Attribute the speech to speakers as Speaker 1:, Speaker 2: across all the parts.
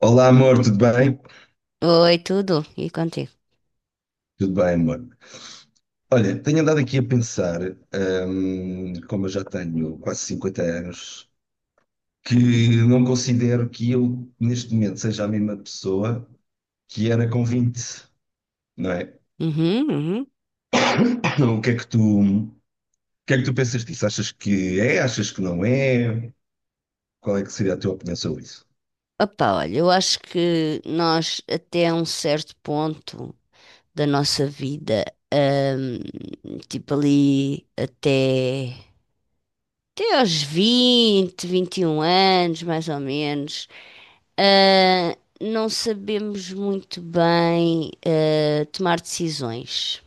Speaker 1: Olá, amor, tudo bem?
Speaker 2: Oi, tudo? E contigo?
Speaker 1: Tudo bem, amor. Olha, tenho andado aqui a pensar, como eu já tenho quase 50 anos, que não considero que eu, neste momento, seja a mesma pessoa que era com 20, não é?
Speaker 2: Uhum, uhum.
Speaker 1: O que é que tu, o que é que tu pensas disso? Achas que é? Achas que não é? Qual é que seria a tua opinião sobre isso?
Speaker 2: Opa, olha, eu acho que nós, até um certo ponto da nossa vida, ahm, tipo ali até aos 20, 21 anos, mais ou menos, ah, não sabemos muito bem, tomar decisões.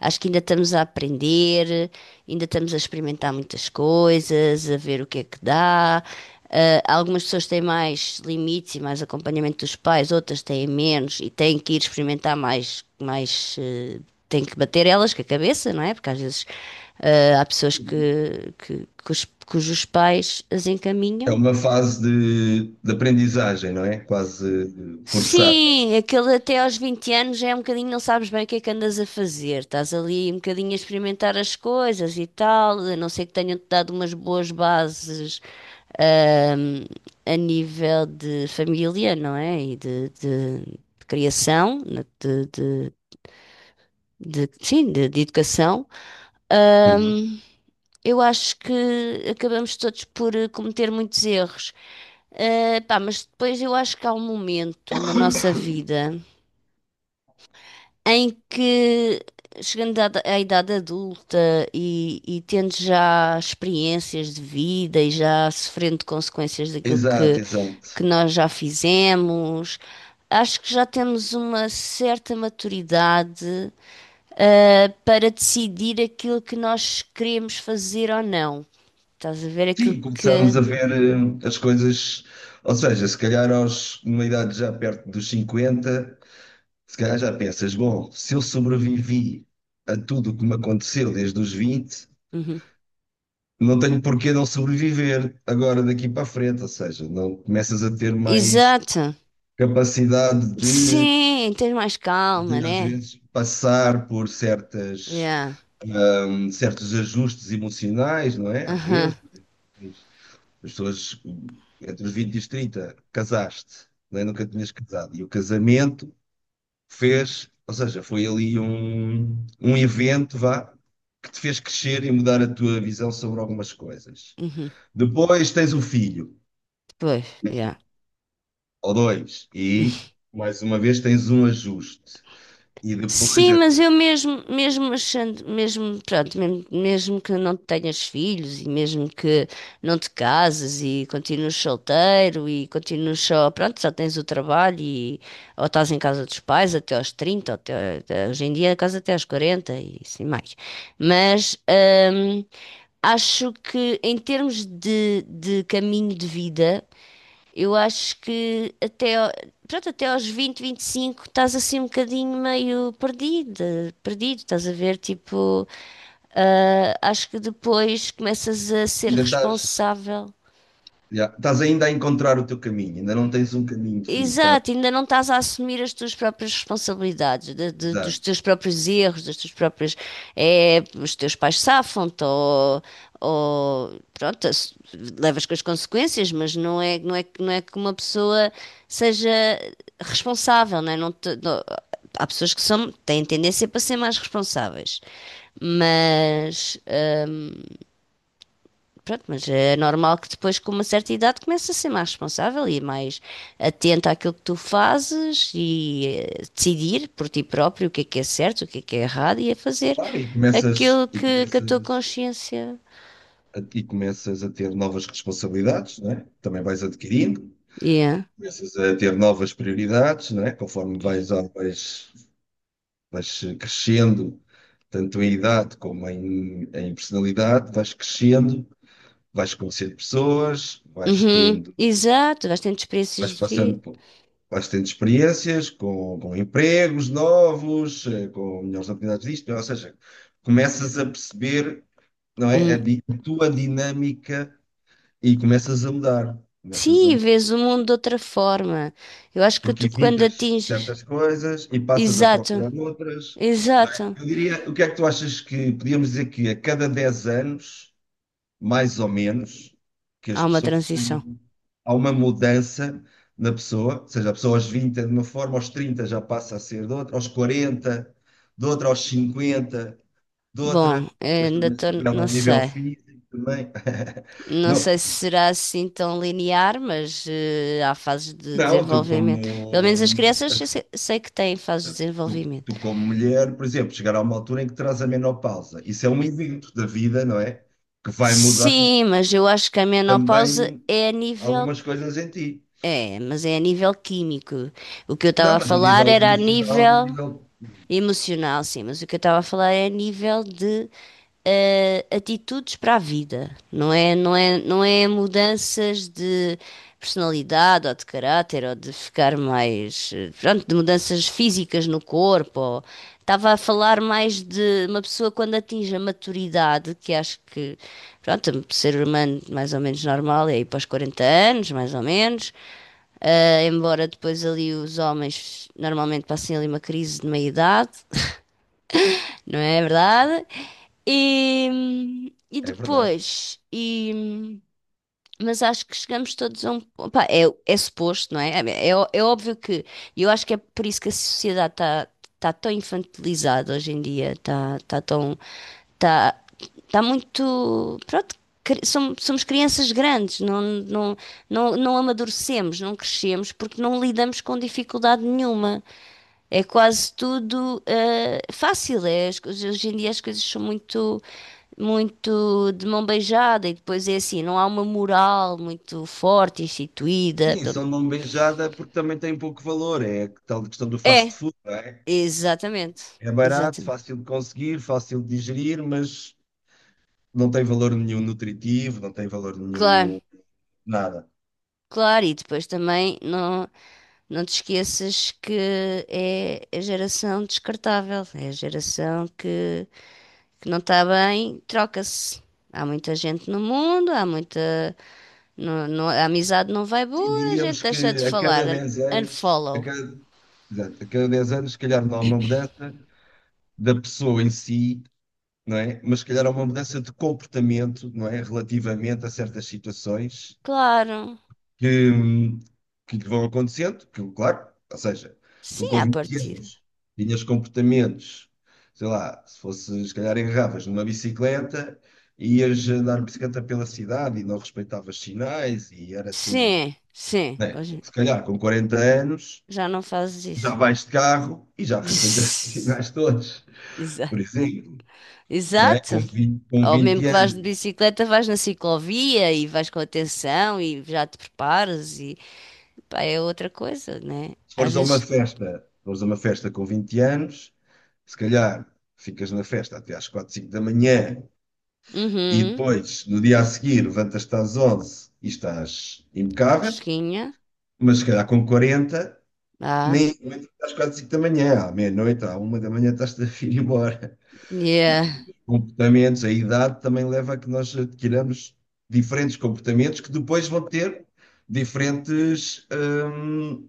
Speaker 2: Acho que ainda estamos a aprender, ainda estamos a experimentar muitas coisas, a ver o que é que dá. Algumas pessoas têm mais limites e mais acompanhamento dos pais, outras têm menos e têm que ir experimentar mais, têm que bater elas com a cabeça, não é? Porque às vezes há pessoas que cujos pais as
Speaker 1: É
Speaker 2: encaminham.
Speaker 1: uma fase de aprendizagem, não é? Quase forçada.
Speaker 2: Sim, aquele até aos 20 anos é um bocadinho, não sabes bem o que é que andas a fazer. Estás ali um bocadinho a experimentar as coisas e tal, a não ser que tenham-te dado umas boas bases, ahm, a nível de família, não é? E de criação, né? Sim, de educação.
Speaker 1: Uhum.
Speaker 2: Ahm, eu acho que acabamos todos por cometer muitos erros. Pá, mas depois eu acho que há um momento na nossa vida, em que, chegando à idade adulta e tendo já experiências de vida e já sofrendo consequências daquilo
Speaker 1: Exato,
Speaker 2: que
Speaker 1: exato.
Speaker 2: nós já fizemos, acho que já temos uma certa maturidade, para decidir aquilo que nós queremos fazer ou não. Estás a ver aquilo
Speaker 1: Sim,
Speaker 2: que.
Speaker 1: começámos a ver as coisas, ou seja, se calhar numa idade já perto dos cinquenta, se calhar já pensas, bom, se eu sobrevivi a tudo o que me aconteceu desde os 20,
Speaker 2: Uhum.
Speaker 1: não tenho porquê não sobreviver agora daqui para a frente, ou seja, não começas a ter mais
Speaker 2: Exato.
Speaker 1: capacidade de,
Speaker 2: Sim, tens mais calma,
Speaker 1: de às
Speaker 2: né?
Speaker 1: vezes passar por certas,
Speaker 2: Yeah.
Speaker 1: certos ajustes emocionais, não é? Às
Speaker 2: Aham.
Speaker 1: vezes, as pessoas entre os 20 e os 30 casaste, né? Nunca tinhas casado. E o casamento fez, ou seja, foi ali um evento, vá, que te fez crescer e mudar a tua visão sobre algumas coisas.
Speaker 2: Uhum.
Speaker 1: Depois tens um filho,
Speaker 2: Pois, yeah.
Speaker 1: ou dois, e mais uma vez tens um ajuste. E depois
Speaker 2: Sim, mas eu mesmo, mesmo achando, mesmo, pronto, mesmo, mesmo que não tenhas filhos e mesmo que não te cases e continues solteiro e continues só, pronto, só tens o trabalho e ou estás em casa dos pais até aos 30 ou até hoje em dia casa até aos 40 e assim mais. Mas hum, acho que em termos de caminho de vida, eu acho que pronto, até aos 20, 25 estás assim um bocadinho meio perdida, perdido, estás a ver, tipo, acho que depois começas a ser
Speaker 1: ainda estás,
Speaker 2: responsável.
Speaker 1: já, estás ainda a encontrar o teu caminho, ainda não tens um caminho definido, tá?
Speaker 2: Exato, ainda não estás a assumir as tuas próprias responsabilidades, dos
Speaker 1: Exato.
Speaker 2: teus próprios erros, das tuas próprias. É, os teus pais safam-te ou, ou. Pronto, levas com as consequências, mas não é não é que uma pessoa seja responsável, não é? Há pessoas que são, têm tendência para ser mais responsáveis, mas. hum, Pronto, mas é normal que depois, com uma certa idade, comece a ser mais responsável e mais atenta àquilo que tu fazes e decidir por ti próprio o que é certo, o que é errado e a fazer
Speaker 1: Claro, e começas,
Speaker 2: aquilo
Speaker 1: e
Speaker 2: que a tua
Speaker 1: começas
Speaker 2: consciência.
Speaker 1: e começas a ter novas responsabilidades, não é? Também vais adquirindo,
Speaker 2: Yeah.
Speaker 1: começas a ter novas prioridades, não é? Conforme vais crescendo, tanto em idade como em personalidade, vais crescendo, vais conhecendo pessoas, vais
Speaker 2: Uhum.
Speaker 1: tendo,
Speaker 2: Exato, vais tendo
Speaker 1: vais
Speaker 2: experiências de vida.
Speaker 1: passando por. Vais tendo experiências com empregos novos, com melhores oportunidades disto, ou seja, começas a perceber, não é,
Speaker 2: Um...
Speaker 1: a tua dinâmica e começas a
Speaker 2: Sim,
Speaker 1: mudar,
Speaker 2: vês o mundo de outra forma. Eu acho que
Speaker 1: porque
Speaker 2: tu, quando
Speaker 1: evitas
Speaker 2: atinges.
Speaker 1: certas coisas e passas a
Speaker 2: Exato,
Speaker 1: procurar outras, não é?
Speaker 2: exato.
Speaker 1: Eu diria, o que é que tu achas que podíamos dizer que a cada 10 anos, mais ou menos, que as
Speaker 2: Há uma
Speaker 1: pessoas
Speaker 2: transição.
Speaker 1: têm, há uma mudança na pessoa, ou seja, a pessoa aos 20 é de uma forma, aos 30 já passa a ser de outra, aos 40 de outra, aos 50 de outra.
Speaker 2: Bom,
Speaker 1: Depois
Speaker 2: ainda
Speaker 1: também se
Speaker 2: estou,
Speaker 1: revela
Speaker 2: não
Speaker 1: a nível
Speaker 2: sei.
Speaker 1: físico também.
Speaker 2: Não
Speaker 1: Não,
Speaker 2: sei se será assim tão linear, mas há fases de
Speaker 1: não,
Speaker 2: desenvolvimento. Pelo menos as crianças eu sei, que têm fases de desenvolvimento.
Speaker 1: tu como mulher, por exemplo, chegar a uma altura em que terás a menopausa. Isso é um evento da vida, não é? Que vai mudar
Speaker 2: Sim, mas eu acho que a menopausa
Speaker 1: também
Speaker 2: é a nível.
Speaker 1: algumas coisas em ti.
Speaker 2: É, mas é a nível químico. O que eu estava
Speaker 1: Não,
Speaker 2: a
Speaker 1: mas a
Speaker 2: falar
Speaker 1: nível
Speaker 2: era a
Speaker 1: emocional e a
Speaker 2: nível
Speaker 1: nível.
Speaker 2: emocional, sim, mas o que eu estava a falar é a nível de atitudes para a vida, não é mudanças de personalidade ou de caráter ou de ficar mais, pronto, de mudanças físicas no corpo. Estava a falar mais de uma pessoa quando atinge a maturidade, que acho que, pronto, um ser humano mais ou menos normal é ir para os 40 anos, mais ou menos, embora depois ali os homens normalmente passem ali uma crise de meia-idade, não é verdade? E
Speaker 1: É verdade.
Speaker 2: depois, mas acho que chegamos todos a um. Opa, é suposto, não é? É óbvio que. E eu acho que é por isso que a sociedade está tá tão infantilizada hoje em dia. Está tão. Está tá muito. Pronto, somos crianças grandes, não amadurecemos, não crescemos porque não lidamos com dificuldade nenhuma. É quase tudo fácil. É, hoje em dia as coisas são muito muito de mão beijada e depois é assim, não há uma moral muito forte instituída.
Speaker 1: Sim, são de mão beijada porque também tem pouco valor. É a tal questão do fast
Speaker 2: É,
Speaker 1: food, não é?
Speaker 2: exatamente,
Speaker 1: É barato,
Speaker 2: exatamente.
Speaker 1: fácil de conseguir, fácil de digerir, mas não tem valor nenhum nutritivo, não tem valor
Speaker 2: Claro,
Speaker 1: nenhum nada.
Speaker 2: claro, e depois também não te esqueças que é a geração descartável, é a geração que não está bem, troca-se. Há muita gente no mundo, há muita. A amizade não vai
Speaker 1: Sim,
Speaker 2: boa, a gente
Speaker 1: diríamos
Speaker 2: deixa de
Speaker 1: que a
Speaker 2: falar.
Speaker 1: cada 10 anos. A
Speaker 2: Unfollow.
Speaker 1: cada Exato. A cada 10 anos, se calhar não há uma mudança da pessoa em si, não é? Mas se calhar há uma mudança de comportamento, não é? Relativamente a certas situações
Speaker 2: Claro.
Speaker 1: que, hum, que lhe vão acontecendo, que, claro, ou seja, tu
Speaker 2: Sim,
Speaker 1: com
Speaker 2: à
Speaker 1: 20
Speaker 2: partida.
Speaker 1: anos tinhas comportamentos, sei lá, se fosse, se calhar agarravas numa bicicleta, ias andar de bicicleta pela cidade e não respeitavas sinais e era tudo,
Speaker 2: Sim, sim,
Speaker 1: não é?
Speaker 2: hoje
Speaker 1: Se calhar com 40 anos,
Speaker 2: já não
Speaker 1: já
Speaker 2: fazes
Speaker 1: vais de carro e já respeitas os
Speaker 2: isso.
Speaker 1: sinais todos. Por
Speaker 2: Exato.
Speaker 1: exemplo, não é?
Speaker 2: Exato.
Speaker 1: Com vinte com
Speaker 2: Ou mesmo
Speaker 1: vinte
Speaker 2: que vais de
Speaker 1: anos,
Speaker 2: bicicleta, vais na ciclovia e vais com atenção e já te preparas e pá, é outra coisa, né?
Speaker 1: se
Speaker 2: Às
Speaker 1: fores a uma
Speaker 2: vezes,
Speaker 1: festa, se fores a uma festa com 20 anos, se calhar ficas na festa até às 4, 5 da manhã e
Speaker 2: uhum,
Speaker 1: depois, no dia a seguir, levantas-te às 11 e estás impecável,
Speaker 2: fresquinha.
Speaker 1: mas se calhar com 40
Speaker 2: Ah,
Speaker 1: nem aguentas até às 4, 5 da manhã, à meia-noite, à uma da manhã estás-te a vir embora.
Speaker 2: yeah.
Speaker 1: Comportamentos, a idade também leva a que nós adquiramos diferentes comportamentos que depois vão ter diferentes hum,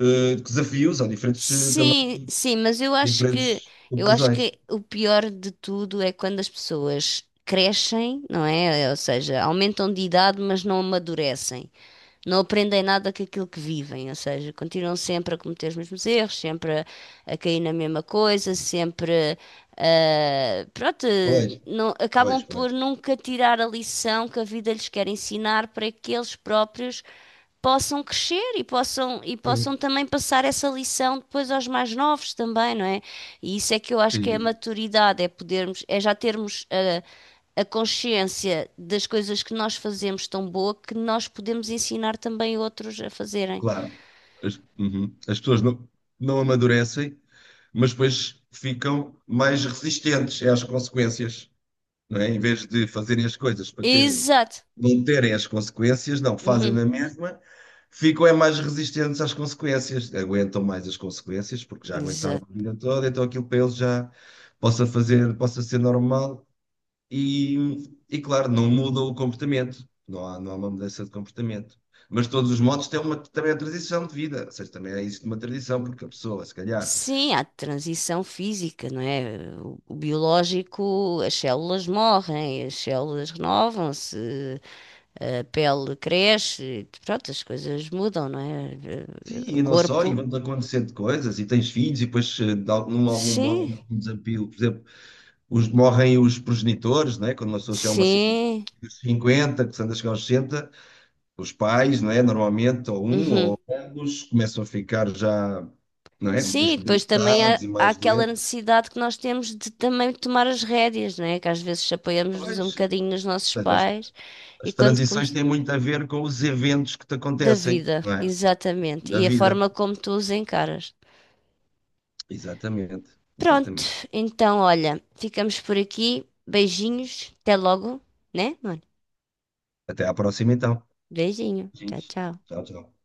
Speaker 1: eh, desafios ou diferentes
Speaker 2: Sim,
Speaker 1: também
Speaker 2: sim, mas eu acho que
Speaker 1: diferentes
Speaker 2: eu acho
Speaker 1: conclusões.
Speaker 2: que o pior de tudo é quando as pessoas crescem, não é? Ou seja, aumentam de idade, mas não amadurecem. Não aprendem nada com aquilo que vivem, ou seja, continuam sempre a cometer os mesmos erros, sempre a cair na mesma coisa, sempre, pronto,
Speaker 1: Pois,
Speaker 2: não,
Speaker 1: pois,
Speaker 2: acabam
Speaker 1: pois.
Speaker 2: por nunca tirar a lição que a vida lhes quer ensinar para que eles próprios possam crescer e possam
Speaker 1: Sim,
Speaker 2: também passar essa lição depois aos mais novos também, não é? E isso é que eu acho que é a
Speaker 1: sim.
Speaker 2: maturidade, é podermos, é já termos a consciência das coisas que nós fazemos tão boa que nós podemos ensinar também outros a fazerem.
Speaker 1: Claro. Uhum. As pessoas não, não amadurecem, mas depois ficam mais resistentes às consequências, não é? Em vez de fazerem as coisas para terem,
Speaker 2: Exato.
Speaker 1: não terem as consequências, não, fazem
Speaker 2: Uhum.
Speaker 1: na mesma, ficam é mais resistentes às consequências, aguentam mais as consequências, porque já aguentaram a
Speaker 2: Exato.
Speaker 1: vida toda, então aquilo para eles já possa fazer, possa ser normal e, claro, não muda o comportamento, não há uma mudança de comportamento. Mas de todos os modos tem uma, também a tradição de vida, ou seja, também é isso de uma tradição, porque a pessoa, se calhar,
Speaker 2: Sim, há transição física, não é? O biológico, as células morrem, as células renovam-se, a pele cresce, pronto, as coisas mudam, não é?
Speaker 1: sim,
Speaker 2: O
Speaker 1: e não só, e
Speaker 2: corpo.
Speaker 1: vão-te acontecendo coisas, e tens filhos, e depois, de algum modo,
Speaker 2: Sim,
Speaker 1: de algum desafio, por exemplo, morrem os progenitores, né? Quando uma pessoa chega a uma
Speaker 2: sim.
Speaker 1: dos 50, que se anda a chegar aos 60 os pais, não é? Normalmente, ou um
Speaker 2: Uhum.
Speaker 1: ou ambos, começam a ficar já, não é?
Speaker 2: Sim,
Speaker 1: Mais
Speaker 2: e depois também há,
Speaker 1: debilitados e
Speaker 2: há
Speaker 1: mais
Speaker 2: aquela
Speaker 1: doentes.
Speaker 2: necessidade que nós temos de também tomar as rédeas, né? Que às vezes
Speaker 1: Mas,
Speaker 2: apoiamos-nos
Speaker 1: ou
Speaker 2: um bocadinho
Speaker 1: seja,
Speaker 2: nos nossos
Speaker 1: as,
Speaker 2: pais e
Speaker 1: as transições têm muito a ver com os eventos que te
Speaker 2: da
Speaker 1: acontecem,
Speaker 2: vida,
Speaker 1: não é?
Speaker 2: exatamente,
Speaker 1: Da
Speaker 2: e a
Speaker 1: vida.
Speaker 2: forma como tu os encaras.
Speaker 1: Exatamente,
Speaker 2: Pronto,
Speaker 1: exatamente.
Speaker 2: então olha, ficamos por aqui. Beijinhos, até logo, né, mano?
Speaker 1: Até à próxima, então.
Speaker 2: Beijinho, tchau,
Speaker 1: Gente,
Speaker 2: tchau.
Speaker 1: tchau, tchau.